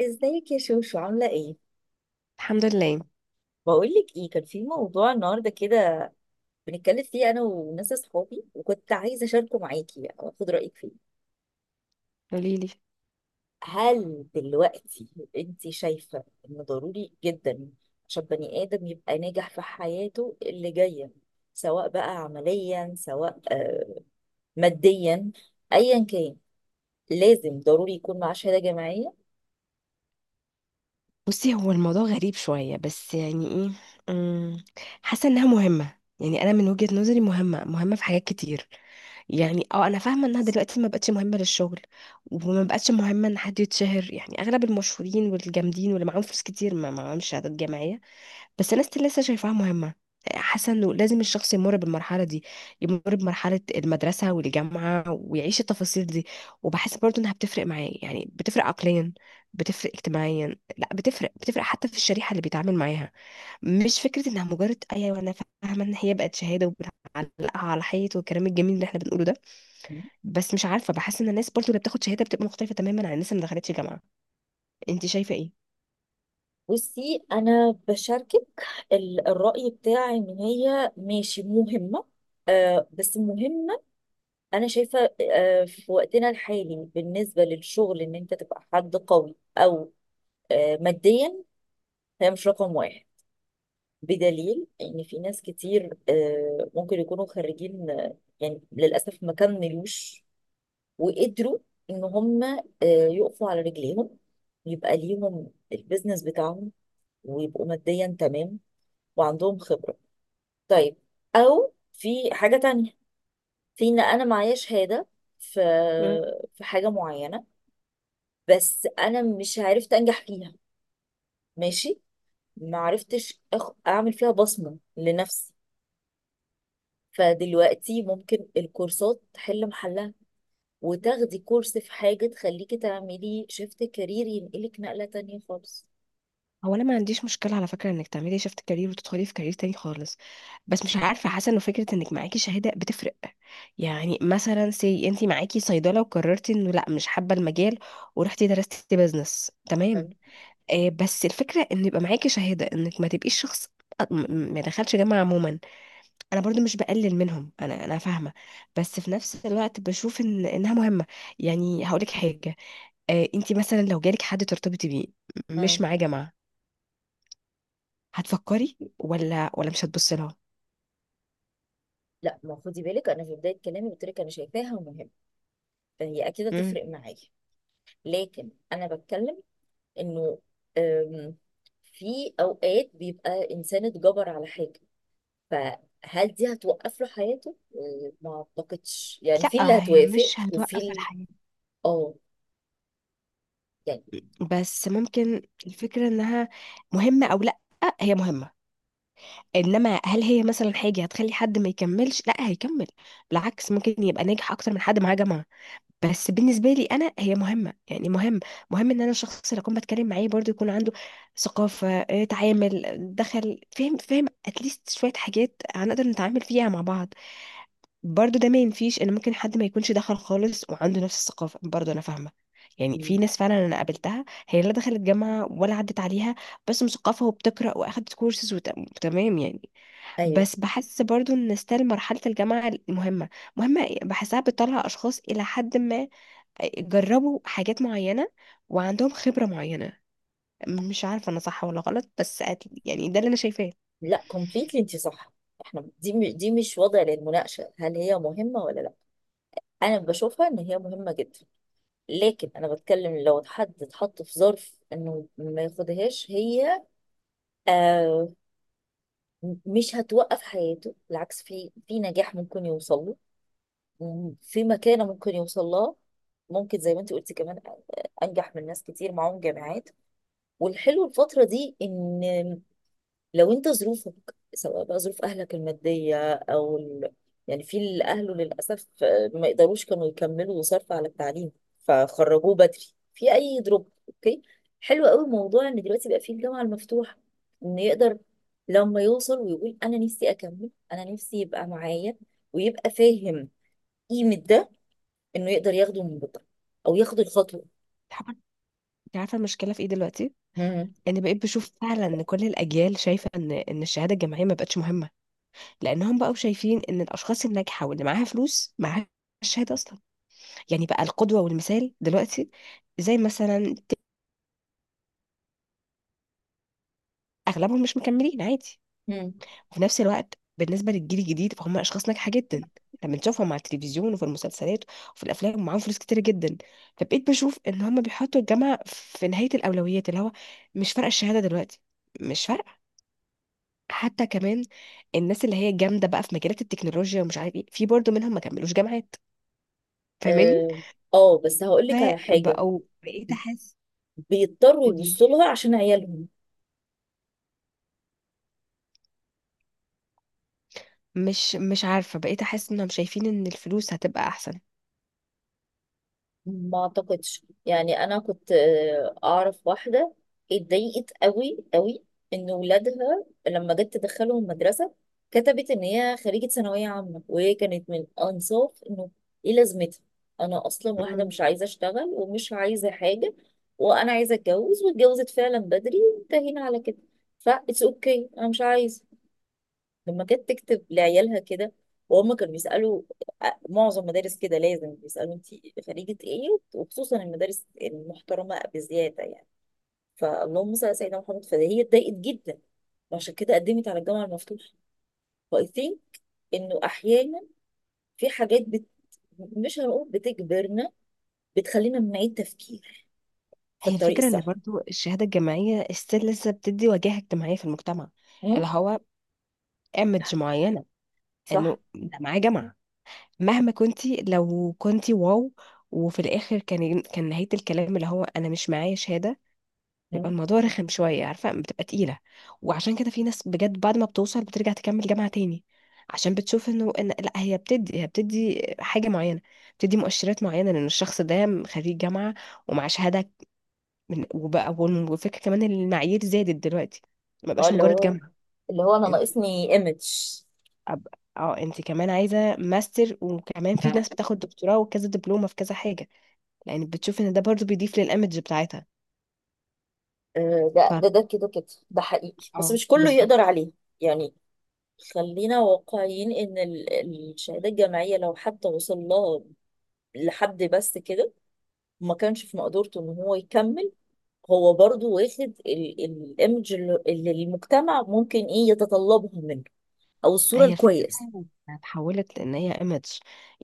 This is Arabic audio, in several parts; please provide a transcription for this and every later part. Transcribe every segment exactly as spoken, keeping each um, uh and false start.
ازيك يا شوشو، عاملة ايه؟ الحمد لله. بقولك ايه، كان في موضوع النهاردة كده بنتكلم فيه انا وناس اصحابي، وكنت عايزة اشاركه معاكي يعني واخد رأيك فيه. قوليلي. هل دلوقتي انت شايفة ان ضروري جدا عشان بني ادم يبقى ناجح في حياته اللي جاية، سواء بقى عمليا، سواء آه، ماديا، ايا كان، لازم ضروري يكون معاه شهادة جامعية؟ بصي، هو الموضوع غريب شوية، بس يعني ايه، أمم، حاسة انها مهمة. يعني انا من وجهة نظري مهمة مهمة في حاجات كتير. يعني اه انا فاهمة انها دلوقتي ما بقتش مهمة للشغل، وما بقتش مهمة ان حد يتشهر. يعني اغلب المشهورين والجامدين واللي معاهم فلوس كتير ما معاهمش شهادات جامعية، بس انا ستيل لسه شايفاها مهمه. حاسه انه لازم الشخص يمر بالمرحله دي، يمر بمرحله المدرسه والجامعه ويعيش التفاصيل دي. وبحس برضو انها بتفرق معاه، يعني بتفرق عقليا، بتفرق اجتماعيا، لا بتفرق بتفرق حتى في الشريحه اللي بيتعامل معاها. مش فكره انها مجرد، ايوه انا فاهمه ان هي بقت شهاده وبنعلقها على حيط والكلام الجميل اللي احنا بنقوله ده، بس مش عارفه، بحس ان الناس برضو اللي بتاخد شهاده بتبقى مختلفه تماما عن الناس اللي ما دخلتش جامعه. انت شايفه ايه؟ بصي انا بشاركك ال- الرأي بتاعي ان هي ماشي مهمة، آه بس مهمة. انا شايفة آه في وقتنا الحالي بالنسبة للشغل ان انت تبقى حد قوي او آه ماديا، هي مش رقم واحد. بدليل ان في ناس كتير آه ممكن يكونوا خريجين، آه، يعني للأسف ما كملوش وقدروا ان هم آه يقفوا على رجليهم، يبقى ليهم البيزنس بتاعهم ويبقوا ماديا تمام وعندهم خبرة. طيب، أو في حاجة تانية، في إن أنا معايا شهادة في في حاجة معينة بس أنا مش عرفت أنجح فيها. ماشي، ما عرفتش أخ... أعمل فيها بصمة لنفسي. فدلوقتي ممكن الكورسات تحل محلها، وتاخدي كورس في حاجة تخليكي تعملي شيفت كارير ينقلك نقلة تانية خالص. هو انا ما عنديش مشكله على فكره انك تعملي شيفت كارير وتدخلي في كارير تاني خالص، بس مش عارفه، حاسه انه فكره انك معاكي شهاده بتفرق. يعني مثلا سي انت معاكي صيدله وقررتي انه لا، مش حابه المجال، ورحتي درستي بزنس، تمام. حلو. آه بس الفكره ان يبقى معاكي شهاده، انك ما تبقيش شخص أ- م- م- ما دخلش جامعه عموما. انا برضو مش بقلل منهم، انا انا فاهمه، بس في نفس الوقت بشوف ان انها مهمه. يعني هقولك حاجه، آه انت مثلا لو جالك حد ترتبطي بيه م- مم. مش معاه جامعه، هتفكري ولا ولا مش هتبصي لها؟ لا، ما خدي بالك، أنا في بداية كلامي قلت لك أنا شايفاها مهمة، فهي أكيد مم. هتفرق معايا. لكن أنا بتكلم انه آم، في اوقات بيبقى انسان اتجبر على حاجه، فهل دي هتوقف له حياته؟ آه، ما اعتقدش، يعني في اللي لا، هي هتوافق مش وفي هتوقف اللي. الحياة، اه، يعني، بس ممكن. الفكرة انها مهمة او لا، هي مهمة. انما هل هي مثلا حاجة هتخلي حد ما يكملش؟ لا، هيكمل. بالعكس، ممكن يبقى ناجح اكتر من حد معاه جامعة. بس بالنسبة لي انا هي مهمة. يعني مهم مهم ان انا الشخص اللي اكون بتكلم معاه برضو يكون عنده ثقافة، آه، تعامل، دخل، فاهم فاهم اتليست شوية حاجات هنقدر نتعامل فيها مع بعض. برضو ده ما ينفيش ان ممكن حد ما يكونش دخل خالص وعنده نفس الثقافه، برضو انا فاهمه. يعني م، في ناس فعلا انا قابلتها هي لا دخلت جامعه ولا عدت عليها، بس مثقفه وبتقرا واخدت كورسز وت- وتمام، يعني. ايوه. بس بحس برضو ان ستيل مرحله الجامعه مهمه. مهمه إيه؟ بحسها بتطلع اشخاص الى حد ما. آه، جربوا حاجات معينه، وعندهم خبره معينه. مش عارفه انا صح ولا غلط، بس أت- يعني ده اللي انا شايفاه. انت لا، كومبليتلي انت صح. احنا دي م- دي مش وضع للمناقشه، هل هي مهمه ولا لا؟ انا بشوفها ان هي مهمه جدا. لكن انا بتكلم لو حد اتحط في ظرف انه ما ياخدهاش هي، آه م- مش هتوقف حياته، بالعكس في في نجاح ممكن يوصل له، في مكانة ممكن يوصل لها، ممكن زي ما انت قلتي كمان انجح من ناس كتير معاهم جامعات. والحلو الفترة دي ان، لو انت ظروفك، سواء بقى ظروف اهلك المادية او ال... يعني في اللي اهله للاسف ما يقدروش كانوا يكملوا صرف على التعليم فخرجوه بدري، في اي دروب، اوكي. حلو قوي موضوع ان دلوقتي بقى في الجامعة المفتوحة، ان يقدر لما يوصل ويقول انا نفسي اكمل، انا نفسي يبقى معايا ويبقى فاهم قيمة ده، انه يقدر ياخده من بكره او ياخد الخطوه. عارفه، أنت عارفة المشكله في ايه دلوقتي؟ مم. يعني بقيت بشوف فعلا ان كل الاجيال شايفه ان ان الشهاده الجامعيه ما بقتش مهمه، لانهم بقوا شايفين ان الاشخاص الناجحه واللي معاها فلوس معاها الشهاده اصلا. يعني بقى القدوه والمثال دلوقتي، زي مثلا اغلبهم مش مكملين، عادي. مم. وفي نفس الوقت بالنسبه للجيل الجديد فهم اشخاص ناجحه جدا لما نشوفهم على التلفزيون وفي المسلسلات وفي الافلام ومعاهم فلوس كتير جدا. فبقيت بشوف ان هم بيحطوا الجامعه في نهايه الاولويات، اللي هو مش فارقه الشهاده دلوقتي، مش فارقه. حتى كمان الناس اللي هي جامده بقى في مجالات التكنولوجيا ومش عارف ايه، في برضه منهم ما كملوش جامعات، فاهماني؟ اه. آه، بس هقول لك على حاجه، فبقوا، بقيت احس. بيضطروا قولي لي. يبصوا لها عشان عيالهم. مش مش عارفه، بقيت احس انهم شايفين ان الفلوس هتبقى احسن. ما اعتقدش، يعني انا كنت آه، اعرف واحده اتضايقت قوي قوي ان ولادها لما جت تدخلهم المدرسه كتبت ان هي خريجه ثانويه عامه، وهي كانت من انصاف انه ايه لازمتها، انا اصلا واحده مم. مش عايزه اشتغل ومش عايزه حاجه، وانا عايزه اتجوز واتجوزت فعلا بدري وانتهينا على كده، فا اتس اوكي، انا مش عايزه. لما كانت تكتب لعيالها كده وهم كانوا بيسألوا، آه، معظم مدارس كده لازم بيسألوا انت خريجة ايه، وخصوصا المدارس المحترمة بزيادة يعني، فاللهم صل على سيدنا محمد، فهي اتضايقت جدا وعشان كده قدمت على الجامعة المفتوحة. فاي ثينك انه احيانا في حاجات بت... مش هنقول بتجبرنا، بتخلينا من نعيد تفكير في هي الطريق الفكرة ان الصح. برضو الشهادة الجامعية استيل لسه بتدي وجاهة اجتماعية في المجتمع، اللي مم؟ هو ايمج معينة، صح. انه ده معاه جامعة. مهما كنتي، لو كنتي واو، وفي الاخر كان كان نهاية الكلام اللي هو انا مش معايا شهادة، بيبقى مم؟ الموضوع رخم شوية، عارفة، بتبقى تقيلة. وعشان كده في ناس بجد بعد ما بتوصل بترجع تكمل جامعة تاني، عشان بتشوف انه إن لا، هي بتدي هي بتدي حاجة معينة، بتدي مؤشرات معينة لان الشخص ده خريج جامعة ومعاه شهادة. من وبقى، والفكرة كمان إن المعايير زادت دلوقتي، ما اه، بقاش اللي مجرد هو جامعة. اللي هو انا انت ناقصني ايمج. أب... اه انت كمان عايزة ماستر، وكمان في ناس بتاخد دكتوراه وكذا دبلومة في كذا حاجة، لان بتشوف ان ده برضو بيضيف للإيمج بتاعتها. آه، ف ده ده ده كده كده ده حقيقي بس اه، مش كله يقدر بالظبط. عليه، يعني خلينا واقعيين ان ال- الشهاده الجامعيه لو حتى وصل لها لحد بس كده، وما كانش في مقدورته ان هو يكمل، هو برضو واخد ال- ال- الايمج اللي اللي المجتمع ممكن ايه يتطلبها منه، او الصوره هي الفكرة الكويسه. فعلاً إنها اتحولت، لان هي ايمج.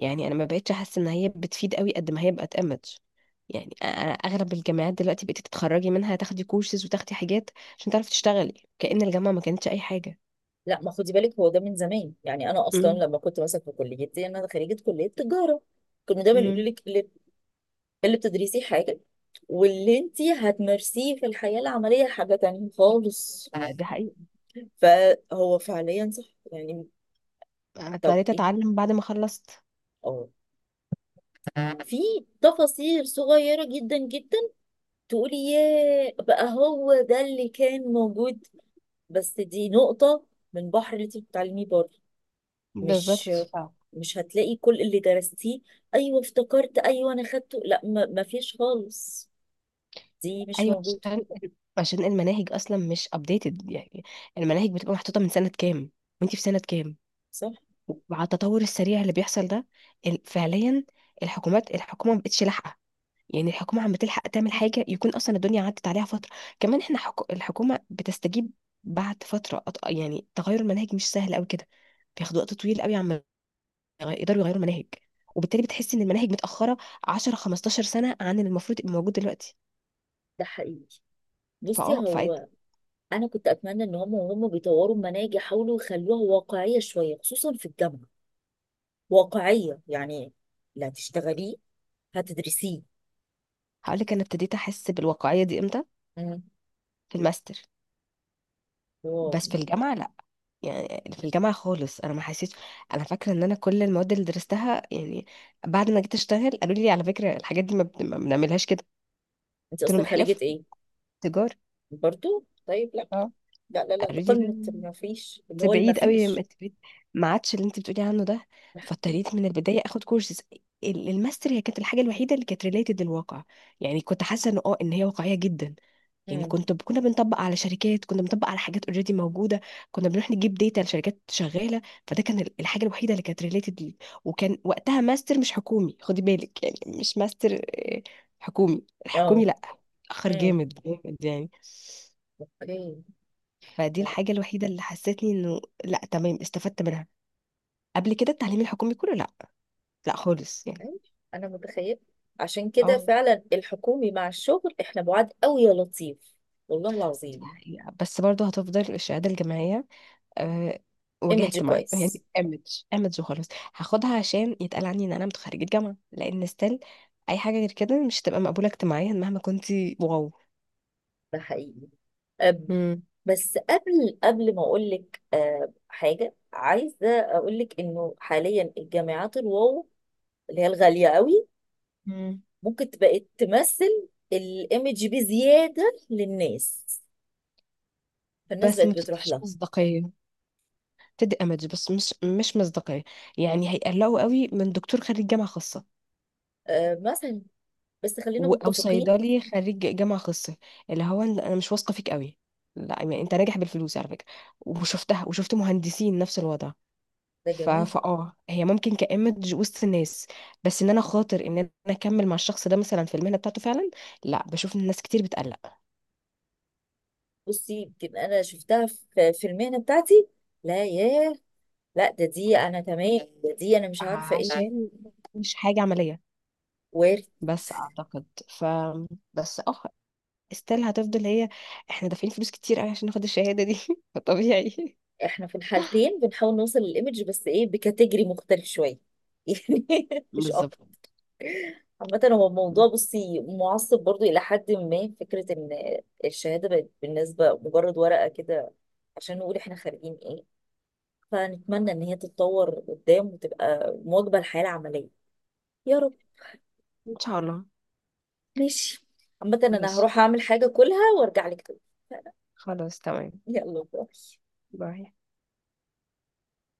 يعني انا ما بقتش احس ان هي بتفيد قوي قد ما هي بقت ايمج. يعني أ- أنا اغلب الجامعات دلوقتي بقيتي تتخرجي منها تاخدي كورسز وتاخدي حاجات عشان تعرفي تشتغلي، كأن الجامعة ما كانتش اي حاجة. لا، ما خدي بالك، هو ده من زمان، يعني انا اصلا امم. لما كنت مثلا في كليتي انا خريجه كليه تجاره، كانوا دايما يقولوا امم. لك اللي بتدرسيه حاجة واللي انتي هتمارسيه في الحياة العملية حاجة تانية خالص، دي حقيقة. فهو فعليا صح يعني. انا طب اضطريت ايه، اتعلم بعد ما خلصت. اه، في تفاصيل صغيرة جدا جدا تقولي ياه بقى هو ده اللي كان موجود، بس دي نقطة من بحر اللي انت بتتعلميه بره. مش بالظبط آه. مش هتلاقي كل اللي درستيه، ايوه افتكرت، ايوه انا خدته، لا ما ما فيش خالص، دي مش ايوه، موجودة. عشان عشان المناهج اصلا مش ابديتد، يعني المناهج بتبقى محطوطة من سنة كام، وانتي في سنة كام، صح. مع التطور السريع اللي بيحصل ده. ال- فعليا الحكومات، الحكومه ما بقتش لاحقه. يعني الحكومه عم بتلحق تعمل حاجه، يكون اصلا الدنيا عدت عليها فتره. كمان احنا حكو... الحكومه بتستجيب بعد فتره، أط... يعني تغير المناهج مش سهل قوي كده، بياخد وقت طويل قوي عم يغ- يقدروا يغيروا المناهج، وبالتالي بتحس ان المناهج متاخره عشرة خمستاشر سنه عن اللي المفروض يبقى موجود دلوقتي. ده حقيقي. بصي، فاه فهقول هو انا كنت اتمنى ان هم وهم بيطوروا المناهج يحاولوا يخلوها واقعيه شويه خصوصا في الجامعه. واقعيه يعني، لا تشتغليه هتدرسيه. لك، انا ابتديت احس بالواقعيه دي امتى؟ مم. في الماستر. واو. بس في الجامعه لا. يعني في الجامعة خالص أنا ما حسيت. أنا فاكرة إن أنا كل المواد اللي درستها، يعني بعد ما جيت أشتغل قالوا لي على فكرة الحاجات دي ما بن- ما بنعملها كده. انت قلت لهم اصلا خريجه إحلاف؟ ايه؟ تجارة. برضو طيب، لا اه لا لا لا، ده قالوا لي لا، قمه، ما فيش اللي هو انت اللي ما بعيد قوي، ما فيش. انت بعيد، ما عادش اللي انت بتقولي عنه ده. فاضطريت من البدايه اخد كورسز. الماستر هي كانت الحاجه الوحيده اللي كانت ريليتد للواقع. يعني كنت حاسه ان اه ان هي واقعيه جدا. يعني امم. كنت كنا بنطبق على شركات، كنا بنطبق على حاجات اوريدي موجوده، كنا بنروح نجيب داتا لشركات شغاله. فده كان ال- الحاجه الوحيده اللي كانت ريليتد لي. وكان وقتها ماستر مش حكومي، خدي بالك، يعني مش ماستر حكومي، اه. الحكومي لا، اخر امم. جامد جامد يعني. اوكي. فدي لا، الحاجه الوحيده اللي حسيتني انه لا، تمام، استفدت منها. قبل كده التعليم الحكومي كله لا، لا خالص يعني. أيوة، انا متخيل، عشان كده اه، فعلا الحكومي مع الشغل احنا بعاد قوي، يا لطيف. والله دي العظيم. حقيقة. بس برضو هتفضل الشهاده الجامعيه، أه، واجهة ايمج اجتماعية كويس. يعني ايمج. ايمج وخلاص. هاخدها عشان يتقال عني ان انا متخرجة جامعة، لان ستيل اي حاجة غير كده مش هتبقى مقبولة اجتماعيا مهما كنتي واو. ده حقيقي. أم، مم. بس قبل قبل ما اقول لك أه، حاجه، عايزه اقول لك انه حاليا الجامعات الواو اللي هي الغاليه قوي مم. ممكن بقت تمثل الايمج بزياده للناس، فالناس بس ما بقت بتروح بتديش لها. مصداقية. بتدي ايمج بس مش مش مصداقية. يعني هيقلقوا قوي من دكتور خريج جامعة خاصة، أه، مثلا بس خلينا و- او متفقين، صيدلي خريج جامعة خاصة، اللي هو إن انا مش واثقة فيك قوي. لا، يعني انت ناجح بالفلوس على فكرة. وشفتها، وشفت مهندسين نفس الوضع. ده ف... جميل. فاه هي ممكن كإيمج وسط الناس، بس ان انا خاطر ان انا اكمل مع الشخص ده مثلا في المهنة بتاعته فعلا، لا، بشوف ان الناس كتير بتقلق، بصي يمكن انا شفتها في في المهنه بتاعتي. لا ياه، لا، ده دي انا تمام، ده دي انا مش عارفه ايه. عشان مش حاجة عملية. بس اعتقد، ف بس اه استيل هتفضل هي. احنا دافعين فلوس كتير قوي عشان ناخد الشهادة دي فطبيعي. احنا في الحالتين بنحاول نوصل للايمج بس ايه بكاتيجري مختلف شويه، يعني مش بالظبط. اكتر. عامة هو الموضوع بصي معصب برضو إلى حد ما، فكرة إن الشهادة بقت بالنسبة مجرد ورقة كده، عشان نقول إحنا خارجين إيه. فنتمنى إن هي تتطور قدام وتبقى مواكبة للحياة العملية. يا رب. ان شاء الله. ماشي. عامة أنا ماشي. هروح أعمل حاجة كلها وأرجع لك تاني. خلاص تمام. يلا باي. باي.